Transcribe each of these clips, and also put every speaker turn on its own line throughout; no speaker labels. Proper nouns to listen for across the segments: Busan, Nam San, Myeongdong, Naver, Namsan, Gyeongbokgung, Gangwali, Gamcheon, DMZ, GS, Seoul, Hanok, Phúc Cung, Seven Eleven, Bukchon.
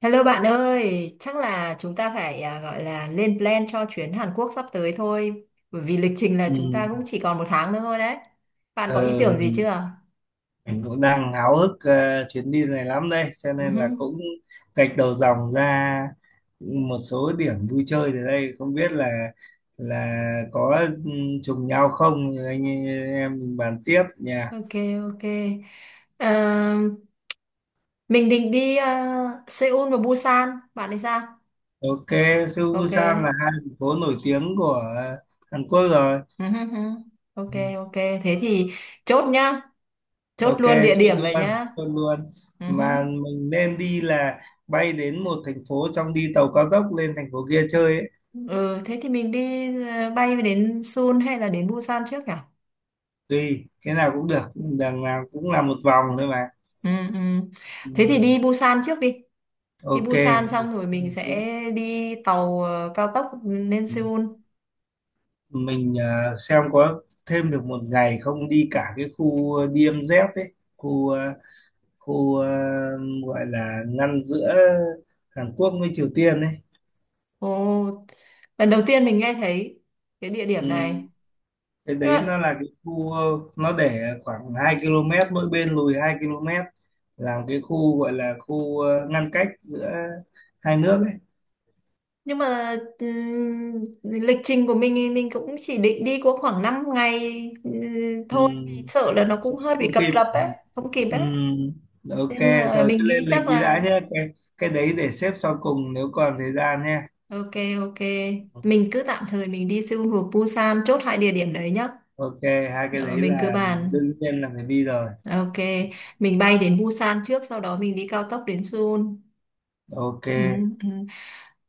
Hello bạn ơi, chắc là chúng ta phải gọi là lên plan cho chuyến Hàn Quốc sắp tới thôi. Bởi vì lịch trình là
Ừ.
chúng ta cũng chỉ còn một tháng nữa thôi đấy. Bạn có ý
Ờ,
tưởng gì
mình,
chưa?
mình cũng đang háo hức chuyến đi này lắm đây, cho
Ừ
nên
hứ.
là cũng gạch đầu dòng ra một số điểm vui chơi ở đây, không biết là có ừ, trùng nhau không, anh em mình bàn tiếp nha.
Ok, ok. Ờ, mình định đi Seoul và Busan. Bạn thì sao?
Ok. Seoul
Ok.
Busan là hai thành phố nổi tiếng của Hàn Quốc rồi.
Ừ hứ hứ. Ok,
Ừ.
ok. Thế thì chốt nhá. Chốt
Ok,
luôn địa
chốt
điểm vậy
luôn
nhá.
chốt luôn,
Ừ hứ.
mà mình nên đi là bay đến một thành phố trong, đi tàu cao tốc lên thành phố kia chơi ấy.
Ừ, thế thì mình đi bay đến Seoul hay là đến Busan trước nhỉ?
Tùy cái nào cũng được, đằng nào cũng là một vòng thôi mà.
Ừ, ừ.
ừ,
Thế thì đi Busan trước đi. Đi
ok.
Busan xong rồi mình sẽ đi tàu cao tốc lên
Ừ,
Seoul.
mình xem có thêm được một ngày không, đi cả cái khu DMZ ấy, khu gọi là ngăn giữa Hàn Quốc với Triều Tiên ấy.
Ồ, lần đầu tiên mình nghe thấy cái địa điểm này.
Ừ, cái
Nhưng
đấy
mà,
nó là cái khu, nó để khoảng 2 km mỗi bên, lùi 2 km làm cái khu, gọi là khu ngăn cách giữa hai nước ấy.
nhưng mà lịch trình của mình thì mình cũng chỉ định đi có khoảng 5 ngày ừ,
Ừ,
thôi. Thì sợ là nó cũng hơi bị
không
cập
kịp.
rập
Ừ.
ấy, không kịp ấy.
Ừ, ok,
Nên là
rồi cứ
mình
lên
nghĩ
lịch
chắc
đi đã
là
nhé, cái đấy để xếp sau cùng nếu còn thời gian nhé.
ok, ok. Mình cứ tạm thời mình đi Seoul rồi Busan chốt hai địa điểm đấy nhá.
Ok, hai cái
Ờ,
đấy
mình cứ
là
bàn.
đương nhiên là phải đi rồi.
Ok, mình bay đến Busan trước, sau đó mình đi cao tốc đến Seoul.
Ok.
Ừ, ừ.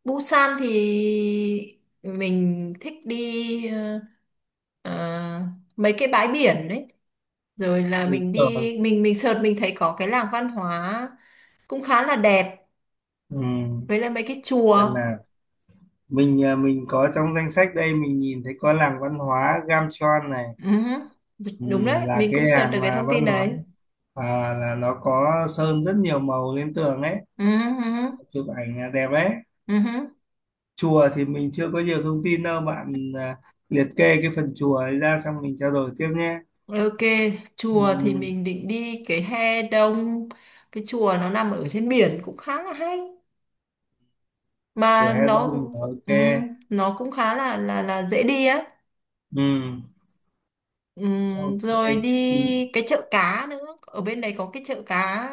Busan thì mình thích đi ờ, mấy cái bãi biển đấy. Rồi là
Đúng
mình
rồi.
đi, mình sợt mình thấy có cái làng văn hóa cũng khá là đẹp,
Ừ.
với lại mấy cái
Xem
chùa.
nào, mình có trong danh sách đây, mình nhìn thấy có làng văn hóa Gamcheon này.
Ừ,
Ừ,
đúng đấy,
là
mình
cái
cũng sợt được
làng
cái
mà
thông tin
văn hóa,
đấy.
là nó có sơn rất nhiều màu lên tường ấy,
Ừ,
chụp ảnh đẹp ấy.
ừ, ừ.
Chùa thì mình chưa có nhiều thông tin đâu bạn, liệt kê cái phần chùa ấy ra xong mình trao đổi tiếp nhé.
Ok, chùa thì
Ừ,
mình định đi cái he đông, cái chùa nó nằm ở trên biển cũng khá là hay
chùa
mà
Hè Đông là ok.
nó cũng khá là là dễ đi á.
Ừ, ok.
Rồi
Ừ,
đi cái chợ cá nữa, ở bên đấy có cái chợ cá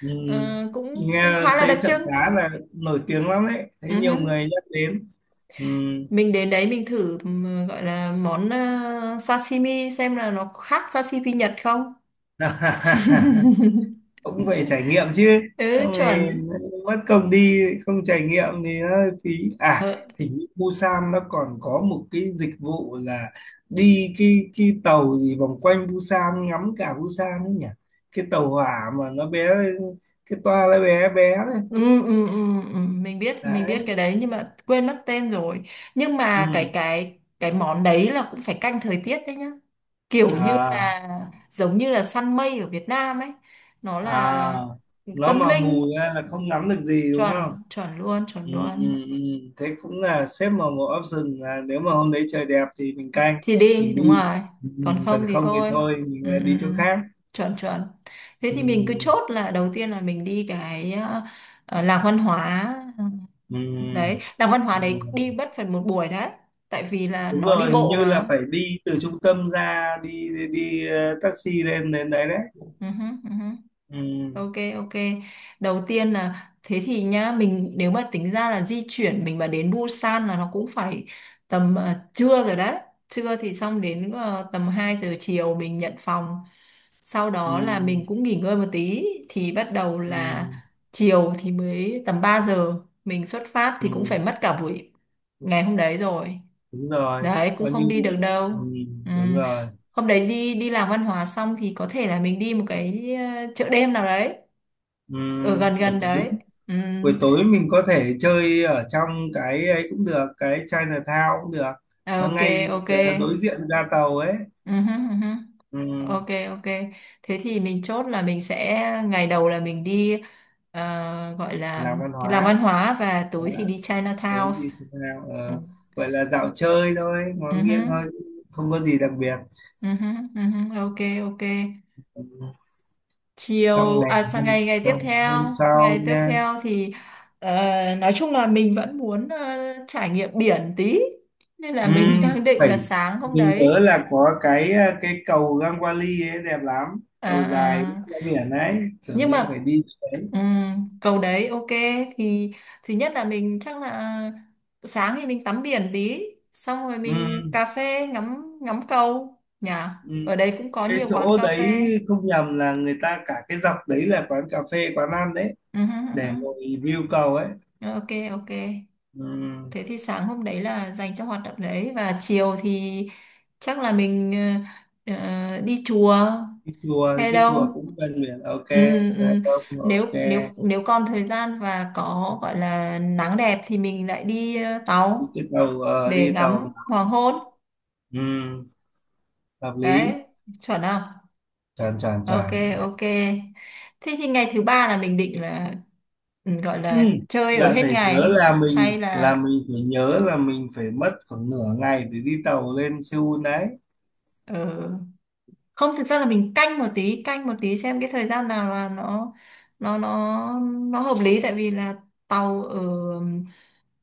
ừ.
ờ, cũng cũng
Nghe
khá là đặc
thấy chợ
trưng.
cá là nổi tiếng lắm đấy, thấy nhiều
Ừm.
người nhắc đến. Ừ.
Mình đến đấy mình thử gọi là món sashimi xem là nó khác sashimi Nhật không.
Cũng phải trải nghiệm chứ,
Ừ
xong rồi
chuẩn.
mất công đi không trải nghiệm thì nó hơi phí. à
Ờ,
Hình như Busan nó còn có một cái dịch vụ là đi cái tàu gì vòng quanh Busan, ngắm cả Busan ấy nhỉ, cái tàu hỏa mà nó bé, cái toa nó bé bé đấy.
ừ, ừ, ừ, ừ, mình biết mình
Đấy.
biết cái đấy nhưng mà quên mất tên rồi. Nhưng
Ừ.
mà cái món đấy là cũng phải canh thời tiết đấy nhá, kiểu như
à
là giống như là săn mây ở Việt Nam ấy, nó
à
là
nó
tâm
mà mù
linh.
ra là không ngắm được gì đúng
Chuẩn,
không?
chuẩn luôn, chuẩn
Ừ,
luôn.
ừ, ừ. Thế cũng là xếp vào một option, là nếu mà hôm đấy trời đẹp thì mình canh
Thì đi
mình
đúng
đi.
rồi,
ừ,
còn
Còn
không thì
không thì
thôi.
thôi, mình
Ừ,
lại đi
ừ, ừ.
chỗ khác.
Chuẩn, chuẩn. Thế
Ừ,
thì mình cứ chốt là đầu tiên là mình đi cái làng văn hóa
ừ,
đấy, làng văn hóa
ừ.
đấy đi mất phần một buổi đấy tại vì là
Đúng
nó đi
rồi, hình
bộ
như là
mà.
phải đi từ trung tâm ra, đi đi taxi lên đến đấy đấy.
Ừ hứ, ừ hứ.
Ừ,
Ok, ok. Đầu tiên là thế thì nhá, mình nếu mà tính ra là di chuyển mình mà đến Busan là nó cũng phải tầm trưa rồi đấy. Trưa thì xong đến tầm 2 giờ chiều mình nhận phòng, sau đó là mình
ừ,
cũng nghỉ ngơi một tí thì bắt đầu
ừ,
là chiều thì mới tầm 3 giờ mình xuất phát thì cũng
ừ.
phải mất cả buổi ngày hôm đấy rồi.
Đúng rồi.
Đấy cũng
Coi như,
không đi được đâu.
ừ,
Ừ.
đúng rồi.
Hôm đấy đi đi làm văn hóa xong thì có thể là mình đi một cái chợ đêm nào đấy
Ừ,
ở gần
buổi
gần
tối,
đấy. Ừ.
buổi tối mình có thể chơi ở trong cái ấy cũng được, cái Chinatown cũng được,
Ờ,
nó
ok,
ngay
ok.
đối diện ga tàu ấy.
Ừ, hứ, ừ, hứ.
Ừ.
Ok, ok. Thế thì mình chốt là mình sẽ ngày đầu là mình đi gọi là
Làm văn
cái làm văn
hóa.
hóa và
Đó,
tối thì đi
tối
Chinatown.
đi Chinatown,
Ừ.
gọi là dạo chơi thôi, ngó
Ừ, hứ,
nghiêng thôi, không có gì đặc biệt.
ừ, hứ, ừ, hứ. Ok, ok.
Ừ. Xong
Chiều
ngày
à, sang ngày
hôm
ngày
sau
tiếp
nha.
theo thì nói chung là mình vẫn muốn trải nghiệm biển tí, nên là
Ừ,
mình đang định
phải,
là sáng hôm
mình nhớ
đấy,
là có cái cái cầu Gangwali ấy đẹp lắm,
à,
cầu dài
à,
ra biển ấy, kiểu
nhưng
gì cũng
mà
phải đi cái đấy.
cầu đấy ok, thì nhất là mình chắc là sáng thì mình tắm biển tí, xong rồi
Ừ.
mình cà phê ngắm ngắm cầu nhỉ.
Ừ.
Ở đây cũng có
Cái
nhiều quán
chỗ
cà phê.
đấy không nhầm là người ta cả cái dọc đấy là quán cà phê, quán ăn đấy,
Ừ, ừ, ừ,
để ngồi view cầu ấy.
ừ. Ok, ok.
Ừ.
Thế thì sáng hôm đấy là dành cho hoạt động đấy và chiều thì chắc là mình đi chùa
Cái chùa,
hay
cái chùa
đâu.
cũng gần biển. Ok,
Ừ, ừ.
chùa không,
Nếu
ok.
nếu nếu còn thời gian và có gọi là nắng đẹp thì mình lại đi
Đi
tàu
cái tàu,
để
đi
ngắm
tàu.
hoàng hôn.
Ừ. Hợp lý.
Đấy, chuẩn không?
Tròn tròn
Ok,
tròn.
ok. Thế thì ngày thứ ba là mình định là ừ, gọi
Ừ.
là chơi ở
Bạn
hết
phải nhớ
ngày
là
hay là
mình phải nhớ là mình phải mất khoảng nửa ngày để đi tàu lên Seoul đấy.
ừ, không, thực ra là mình canh một tí xem cái thời gian nào là nó nó nó nó hợp lý tại vì là tàu ở,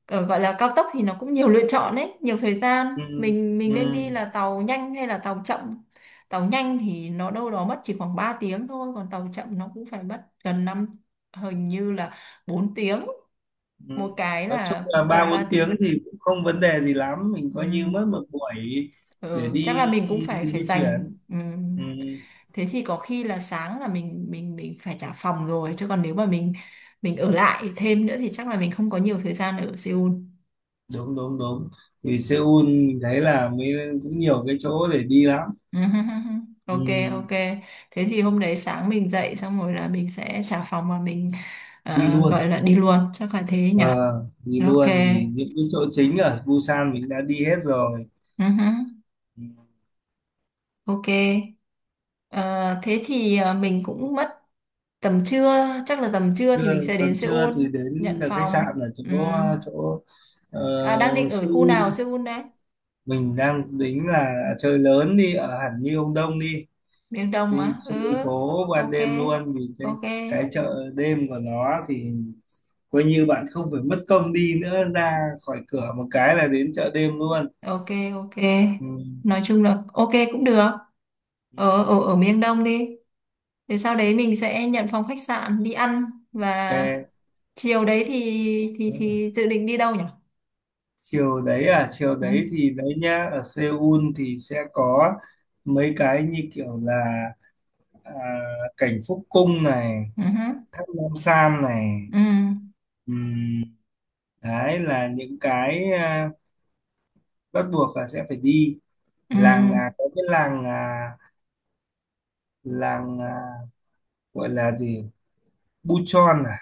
ở gọi là cao tốc thì nó cũng nhiều lựa chọn đấy, nhiều thời
Ừ.
gian, mình nên
Ừ.
đi là tàu nhanh hay là tàu chậm. Tàu nhanh thì nó đâu đó mất chỉ khoảng 3 tiếng thôi, còn tàu chậm nó cũng phải mất gần năm, hình như là 4 tiếng,
Ừ.
một cái
Nói chung
là
là
gần
ba bốn
ba
tiếng
tiếng
thì cũng không vấn đề gì lắm, mình
Ừ.
coi như mất một buổi để
Ừ, chắc
đi
là mình cũng phải phải
di
dành
chuyển.
ừ.
Ừ.
Thế thì có khi là sáng là mình phải trả phòng rồi, chứ còn nếu mà mình ở lại thêm nữa thì chắc là mình không có nhiều thời gian ở Seoul.
Đúng đúng đúng, thì Seoul mình thấy là mới cũng nhiều cái chỗ để đi lắm.
Ừ, hứ, hứ, hứ. Ok,
Ừ.
ok. Thế thì hôm đấy sáng mình dậy xong rồi là mình sẽ trả phòng và mình
Đi luôn.
gọi là đi luôn, chắc là thế nhỉ.
Ờ, đi
Ok.
luôn vì những cái chỗ chính ở Busan mình đã đi hết rồi.
Ừ, hứ.
Ừ.
Ok. Ờ, thế thì mình cũng mất tầm trưa, chắc là tầm trưa thì mình
Trưa,
sẽ đến
còn trưa
Seoul
thì đến
nhận
là khách sạn
phòng.
ở
Ừ.
chỗ, chỗ, ờ,
À, đang định ở khu nào
Seoul
Seoul đấy?
mình đang tính là chơi lớn, đi ở hẳn Myeongdong đi,
Miền Đông
đi
á? Ừ,
chơi phố ban
ok,
đêm luôn, vì
ok,
cái chợ đêm của nó thì coi như bạn không phải mất công đi nữa, ra khỏi cửa một cái là đến chợ đêm luôn.
ok, ok.
Ừ.
Nói chung là ok cũng được.
Ừ.
Ở, ở, ở miền Đông đi. Thì sau đấy mình sẽ nhận phòng khách sạn đi ăn, và chiều đấy thì dự định đi đâu nhỉ?
Chiều đấy à? Chiều
Ừ,
đấy thì đấy nhá, ở Seoul thì sẽ có mấy cái như kiểu là, à, cảnh Phúc Cung này,
ừ,
Thác Nam Sam này.
ừ,
Ừm, đấy là những cái bắt buộc là sẽ phải đi.
ừ,
Làng, có cái làng, làng à, gọi là gì, Buchon à,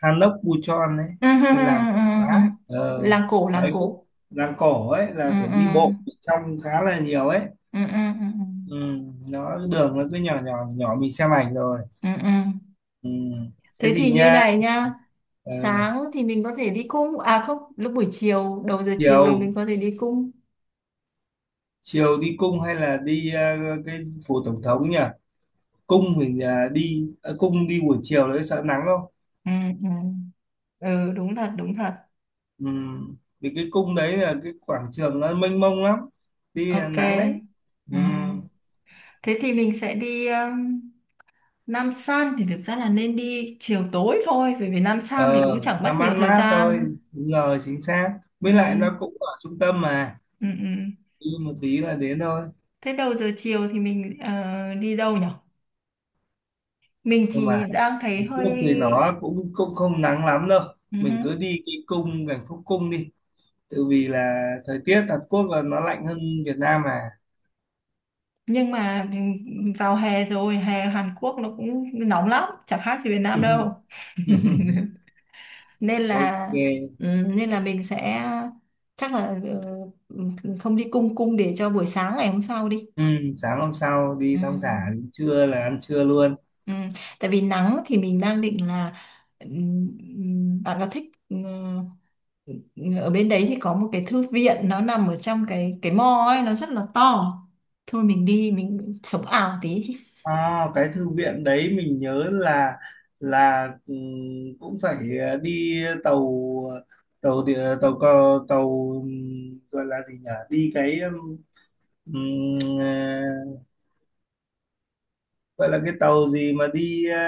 Hanok Buchon ấy,
ừ, ừ,
cái làng
ừ.
quá
Làng cổ, làng
đấy cũng,
cổ.
làng cổ ấy
Ừ,
là phải
ừ,
đi bộ trong khá là nhiều ấy.
ừ, ừ, ừ, ừ.
Ừ, nó đường nó cứ nhỏ nhỏ nhỏ, mình xem ảnh rồi.
Ừ, ừ.
Ừ. Thế
Thế thì
thì
như
nha,
này nhá.
ờ,
Sáng thì mình có thể đi cung, à không, lúc buổi chiều đầu giờ chiều thì
chiều,
mình có thể đi cung.
chiều đi cung hay là đi cái phủ tổng thống nhỉ? Cung mình, đi cung đi buổi chiều đấy sợ nắng không.
Ừ, ừ. Ừ đúng thật đúng thật.
Ừ, vì cái cung đấy là cái quảng trường nó mênh mông lắm, đi là
Ok,
nắng đấy. Ừ.
ừ. Thế thì mình sẽ đi Nam San thì thực ra là nên đi chiều tối thôi bởi vì Nam San thì
Ờ
cũng chẳng mất
làm
nhiều
ăn
thời
mát thôi,
gian.
đúng rồi, chính xác,
Ừ,
với lại nó cũng ở trung tâm mà,
ừ, ừ.
đi một tí là đến thôi.
Thế đầu giờ chiều thì mình đi đâu nhở. Mình
Nhưng mà
thì đang thấy
Hàn Quốc thì
hơi
nó cũng cũng không nắng lắm đâu, mình cứ
ừ.
đi cái cung cảnh Phúc Cung đi, tự vì là thời tiết Hàn Quốc là nó lạnh hơn Việt Nam mà.
Nhưng mà vào hè rồi, hè Hàn Quốc nó cũng nóng lắm chẳng khác gì Việt Nam đâu. Nên là
Ok.
nên là mình sẽ chắc là ừ, không đi cung, cung để cho buổi sáng ngày hôm sau đi.
Ừ, sáng hôm sau
Ừ.
đi thong thả đến trưa là ăn trưa luôn.
Ừ. Tại vì nắng thì mình đang định là bạn có thích ừ, ở bên đấy thì có một cái thư viện nó nằm ở trong cái mall ấy, nó rất là to, thôi mình đi mình sống ảo tí.
À, cái thư viện đấy mình nhớ là, là ừm, cũng phải đi tàu, tàu địa- tàu cờ tàu gọi là gì nhỉ, đi cái ờ, gọi là cái tàu gì mà đi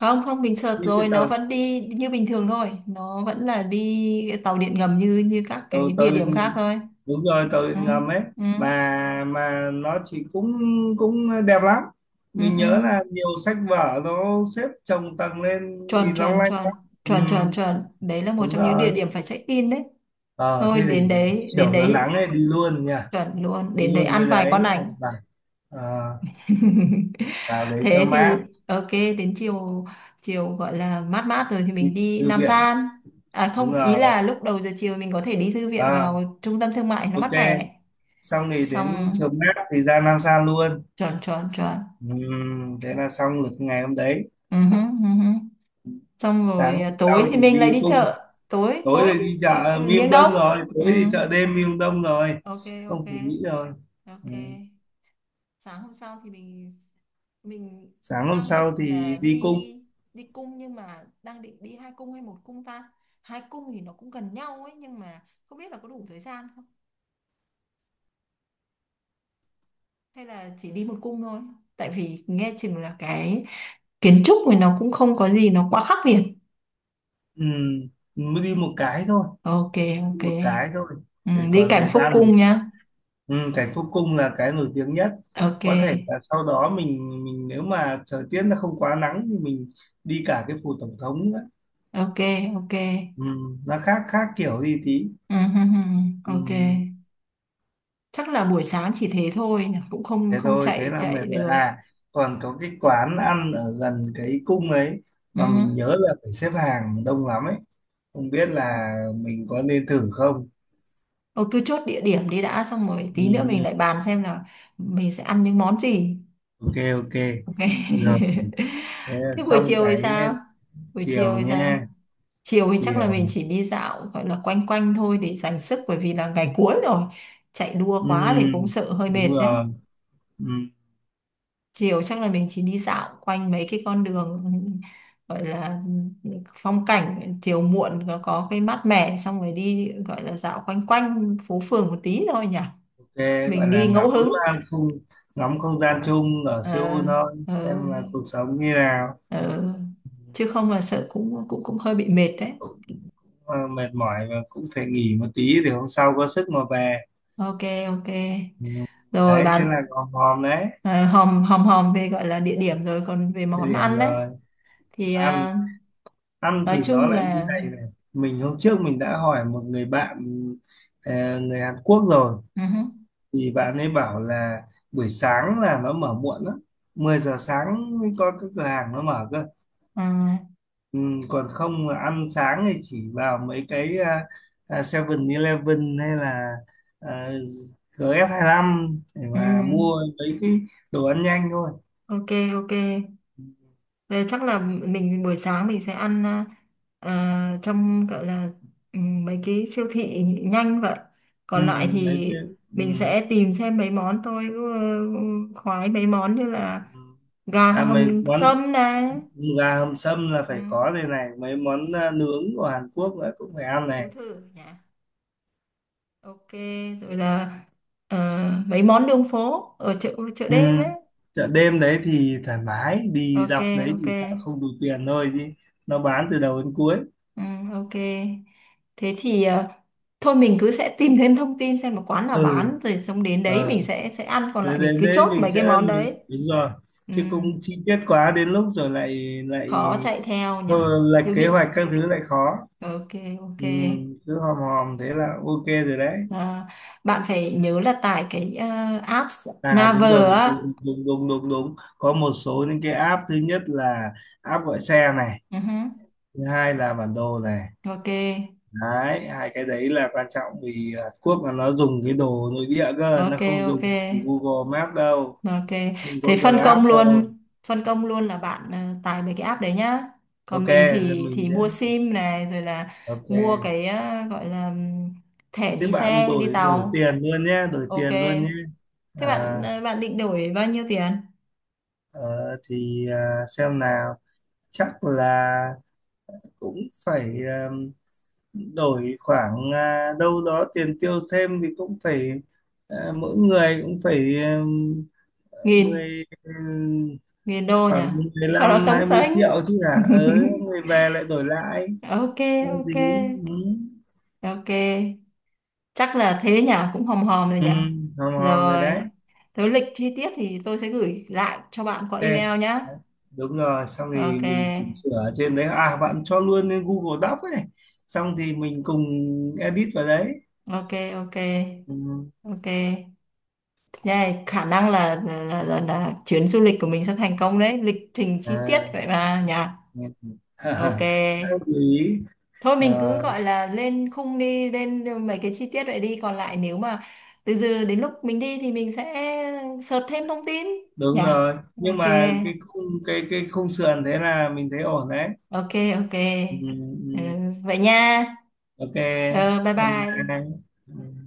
Không, không, mình sợt
như cái
rồi, nó
tàu,
vẫn đi như bình thường thôi, nó vẫn là đi cái tàu điện ngầm như như các
tàu
cái
tàu
địa điểm khác thôi.
đúng rồi, tàu
Ừ,
điện ngầm ấy,
ừ,
mà nó chỉ cũng cũng đẹp lắm,
ừ,
mình
ừ.
nhớ là nhiều sách vở nó xếp chồng tầng lên thì
Chuẩn,
long
chuẩn,
lanh
chuẩn,
lắm.
chuẩn, chuẩn,
Ừm,
chuẩn, đấy là một
đúng
trong những địa
rồi.
điểm phải check in đấy.
Ờ,
Thôi
thế
đến
thì
đấy, đến
chiều nó
đấy.
nắng ấy đi luôn nha,
Chuẩn luôn,
đi
đến đấy
luôn
ăn
cái
vài
đấy,
con ảnh.
và ờ, vào đấy cho
Thế
mát.
thì ok, đến chiều chiều gọi là mát mát rồi thì
Đi
mình đi
thư
Nam
viện.
San, à
Đúng
không, ý
rồi.
là lúc đầu giờ chiều mình có thể đi thư viện
Ờ,
vào trung tâm thương mại nó mát
ok,
mẻ.
xong thì đến
Xong
chiều mát thì ra Nam Sa luôn.
chuẩn, chuẩn, chuẩn.
Thế là xong được ngày hôm đấy.
Ừ, hứ, ừ hứ. Xong
Sáng
rồi
hôm
à, tối
sau
thì
thì
mình lại
đi
đi
cung,
chợ tối
tối
tối,
thì đi
đi
chợ Miêm
miếng đông.
Đông rồi, tối
Ừ.
thì chợ đêm Miêm Đông rồi,
Ok, ok,
không phải nghĩ rồi.
ok.
Ừm.
Sáng hôm sau thì mình
Sáng hôm
đang định
sau
là
thì đi cung.
đi đi cung nhưng mà đang định đi hai cung hay một cung ta. Hai cung thì nó cũng gần nhau ấy nhưng mà không biết là có đủ thời gian không, hay là chỉ đi một cung thôi, tại vì nghe chừng là cái kiến trúc này nó cũng không có gì nó quá khác biệt.
Ừm, mới đi một cái thôi,
Ok, ok.
một cái thôi
Ừ,
để
đi
còn
cảnh
thời
Phúc
gian.
Cung nhá.
Ừ, cảnh phúc cung là cái nổi tiếng nhất,
Ok,
có thể là sau đó mình nếu mà thời tiết nó không quá nắng thì mình đi cả cái phủ tổng thống nữa.
ok, ok.
Ừ, nó khác khác kiểu đi tí.
Ừ, hừ, hừ,
Ừ,
ok. Chắc là buổi sáng chỉ thế thôi nhỉ, cũng không
thế
không
thôi, thế
chạy
là mệt
chạy
rồi.
được.
À còn có cái quán ăn ở gần cái cung ấy
Ừ.
mà mình nhớ là phải xếp hàng đông lắm ấy, không biết là mình có nên thử không.
Thôi cứ chốt địa điểm đi đã, xong rồi
Ừ,
tí nữa mình
ừ.
lại bàn xem là mình sẽ ăn những món gì.
Ok ok.
Ok.
Giờ. Thế là
Thế buổi
xong
chiều thì
cái.
sao, buổi chiều
Chiều
thì sao
nha,
chiều thì chắc là
chiều.
mình chỉ đi dạo gọi là quanh quanh thôi để dành sức bởi vì là ngày cuối rồi, chạy đua
Ừ,
quá thì cũng sợ hơi
đúng
mệt đấy.
rồi. Ừ,
Chiều chắc là mình chỉ đi dạo quanh mấy cái con đường gọi là phong cảnh chiều muộn có cái mát mẻ, xong rồi đi gọi là dạo quanh quanh phố phường một tí thôi nhỉ.
ok. Gọi
Mình
là
đi
ngắm
ngẫu hứng.
không, ngắm không gian chung ở
ờ,
Seoul thôi,
ờ,
xem là cuộc sống như nào.
ờ. Chứ không là sợ cũng cũng cũng hơi bị mệt đấy.
Cũng, mệt mỏi và cũng phải nghỉ một tí để hôm sau có sức mà về.
Ok, ok.
Ừ.
Rồi
Đấy thế là
bạn,
hòm hòm đấy.
ờ, hòm hòm hòm về gọi là địa điểm rồi, còn về
Địa
món
điểm
ăn đấy
rồi.
thì
Ăn, ăn
nói
thì nó
chung
lại như
là
này này, hôm trước mình đã hỏi một người bạn, người Hàn Quốc rồi,
ừ hứ,
thì bạn ấy bảo là buổi sáng là nó mở muộn lắm, 10 giờ sáng mới có cái cửa hàng nó mở cơ.
ờ,
Ừ, còn không mà ăn sáng thì chỉ vào mấy cái Seven Eleven, hay là à, gs lăm để
ừ,
mà mua mấy cái đồ ăn nhanh thôi.
ok, ok. Ờ, chắc là mình buổi sáng mình sẽ ăn trong gọi là mấy cái siêu thị nhanh vậy.
Ừ,
Còn lại thì
mấy cái. Ừ.
mình sẽ tìm xem mấy món tôi ừ, khoái mấy món như là
Ừ.
gà
À mấy
hầm
món,
sâm này.
gà hầm sâm là
Ừ,
phải có đây này, mấy món nướng của Hàn Quốc nữa cũng phải ăn
Tú
này.
thử nhỉ. Ok, rồi là ờ, mấy món đường phố ở chợ chợ
Ừ.
đêm ấy.
Chợ đêm đấy thì thoải mái, đi
Ok,
dọc đấy thì
ok.
sợ không đủ tiền thôi chứ, nó bán từ đầu đến cuối.
Ừ, ok. Thế thì thôi mình cứ sẽ tìm thêm thông tin xem một quán nào
Ừ.
bán rồi xong đến đấy
Ờ.
mình sẽ ăn, còn
Để
lại mình
đến
cứ
đấy
chốt
mình
mấy cái
sẽ
món
mình,
đấy.
đúng rồi,
Ừ,
chứ cũng chi tiết quá đến lúc rồi lại lại
khó chạy theo nhỉ.
thôi, lệch
Cứ
kế
bị
hoạch các thứ lại khó.
ok, ok.
Ừ, cứ hòm hòm thế là ok rồi đấy.
À, bạn phải nhớ là tải cái app
Đúng rồi,
Naver
đúng
á.
đúng đúng đúng, đúng. Đúng. Có một số những cái app, thứ nhất là app gọi xe này,
Ừ hứ,
thứ hai là bản đồ này,
ok.
đấy hai cái đấy là quan trọng, vì Hàn Quốc là nó dùng cái đồ nội địa cơ, nó
Ok,
không dùng
ok.
Google Maps đâu,
Ok,
không có
thế
Grab đâu.
phân công luôn là bạn tải mấy cái app đấy nhá. Còn
Ok
mình
thì
thì
mình sẽ,
mua sim này rồi là
ok.
mua cái gọi là thẻ
Thế
đi
bạn
xe, đi
đổi đổi
tàu.
tiền luôn nhé, đổi
Ok.
tiền luôn nhé.
Thế
à,
bạn bạn định đổi bao nhiêu tiền?
ờ, thì xem nào, chắc là cũng phải, đổi khoảng, đâu đó tiền tiêu thêm thì cũng phải, mỗi người cũng phải
Nghìn,
mười
nghìn đô nhỉ?
khoảng
Cho nó
15
sống
20
sánh.
triệu chứ hả, ờ người về lại đổi lại
Ok,
có gì.
ok.
Ừ.
Ok. Chắc là thế nhỉ, cũng hòm hòm rồi
Ừ,
nhỉ.
hòm hòm rồi đấy.
Rồi. Thế lịch chi tiết thì tôi sẽ gửi lại cho bạn qua
Đấy,
email nhá.
đúng rồi, xong thì
Ok.
mình chỉnh sửa ở trên đấy, bạn cho luôn lên Google Doc ấy, xong thì mình cùng edit vào đấy.
Ok, ok,
Ừ.
ok nha. Khả năng là chuyến du lịch của mình sẽ thành công đấy, lịch trình chi tiết
à,
vậy mà nhỉ.
nghe-
Ok,
Đang lưu ý.
thôi mình
À,
cứ gọi là lên khung đi, lên mấy cái chi tiết vậy đi, còn lại nếu mà từ giờ đến lúc mình đi thì mình sẽ search thêm thông tin nhỉ.
đúng rồi, nhưng
Ok,
mà cái khung, cái khung sườn thế là mình thấy ổn đấy.
ok, ok.
Ừ, ừ.
Ừ,
Ừ.
vậy nha.
Ok.
Ừ, bye
Bye
bye.
bye. Ừ.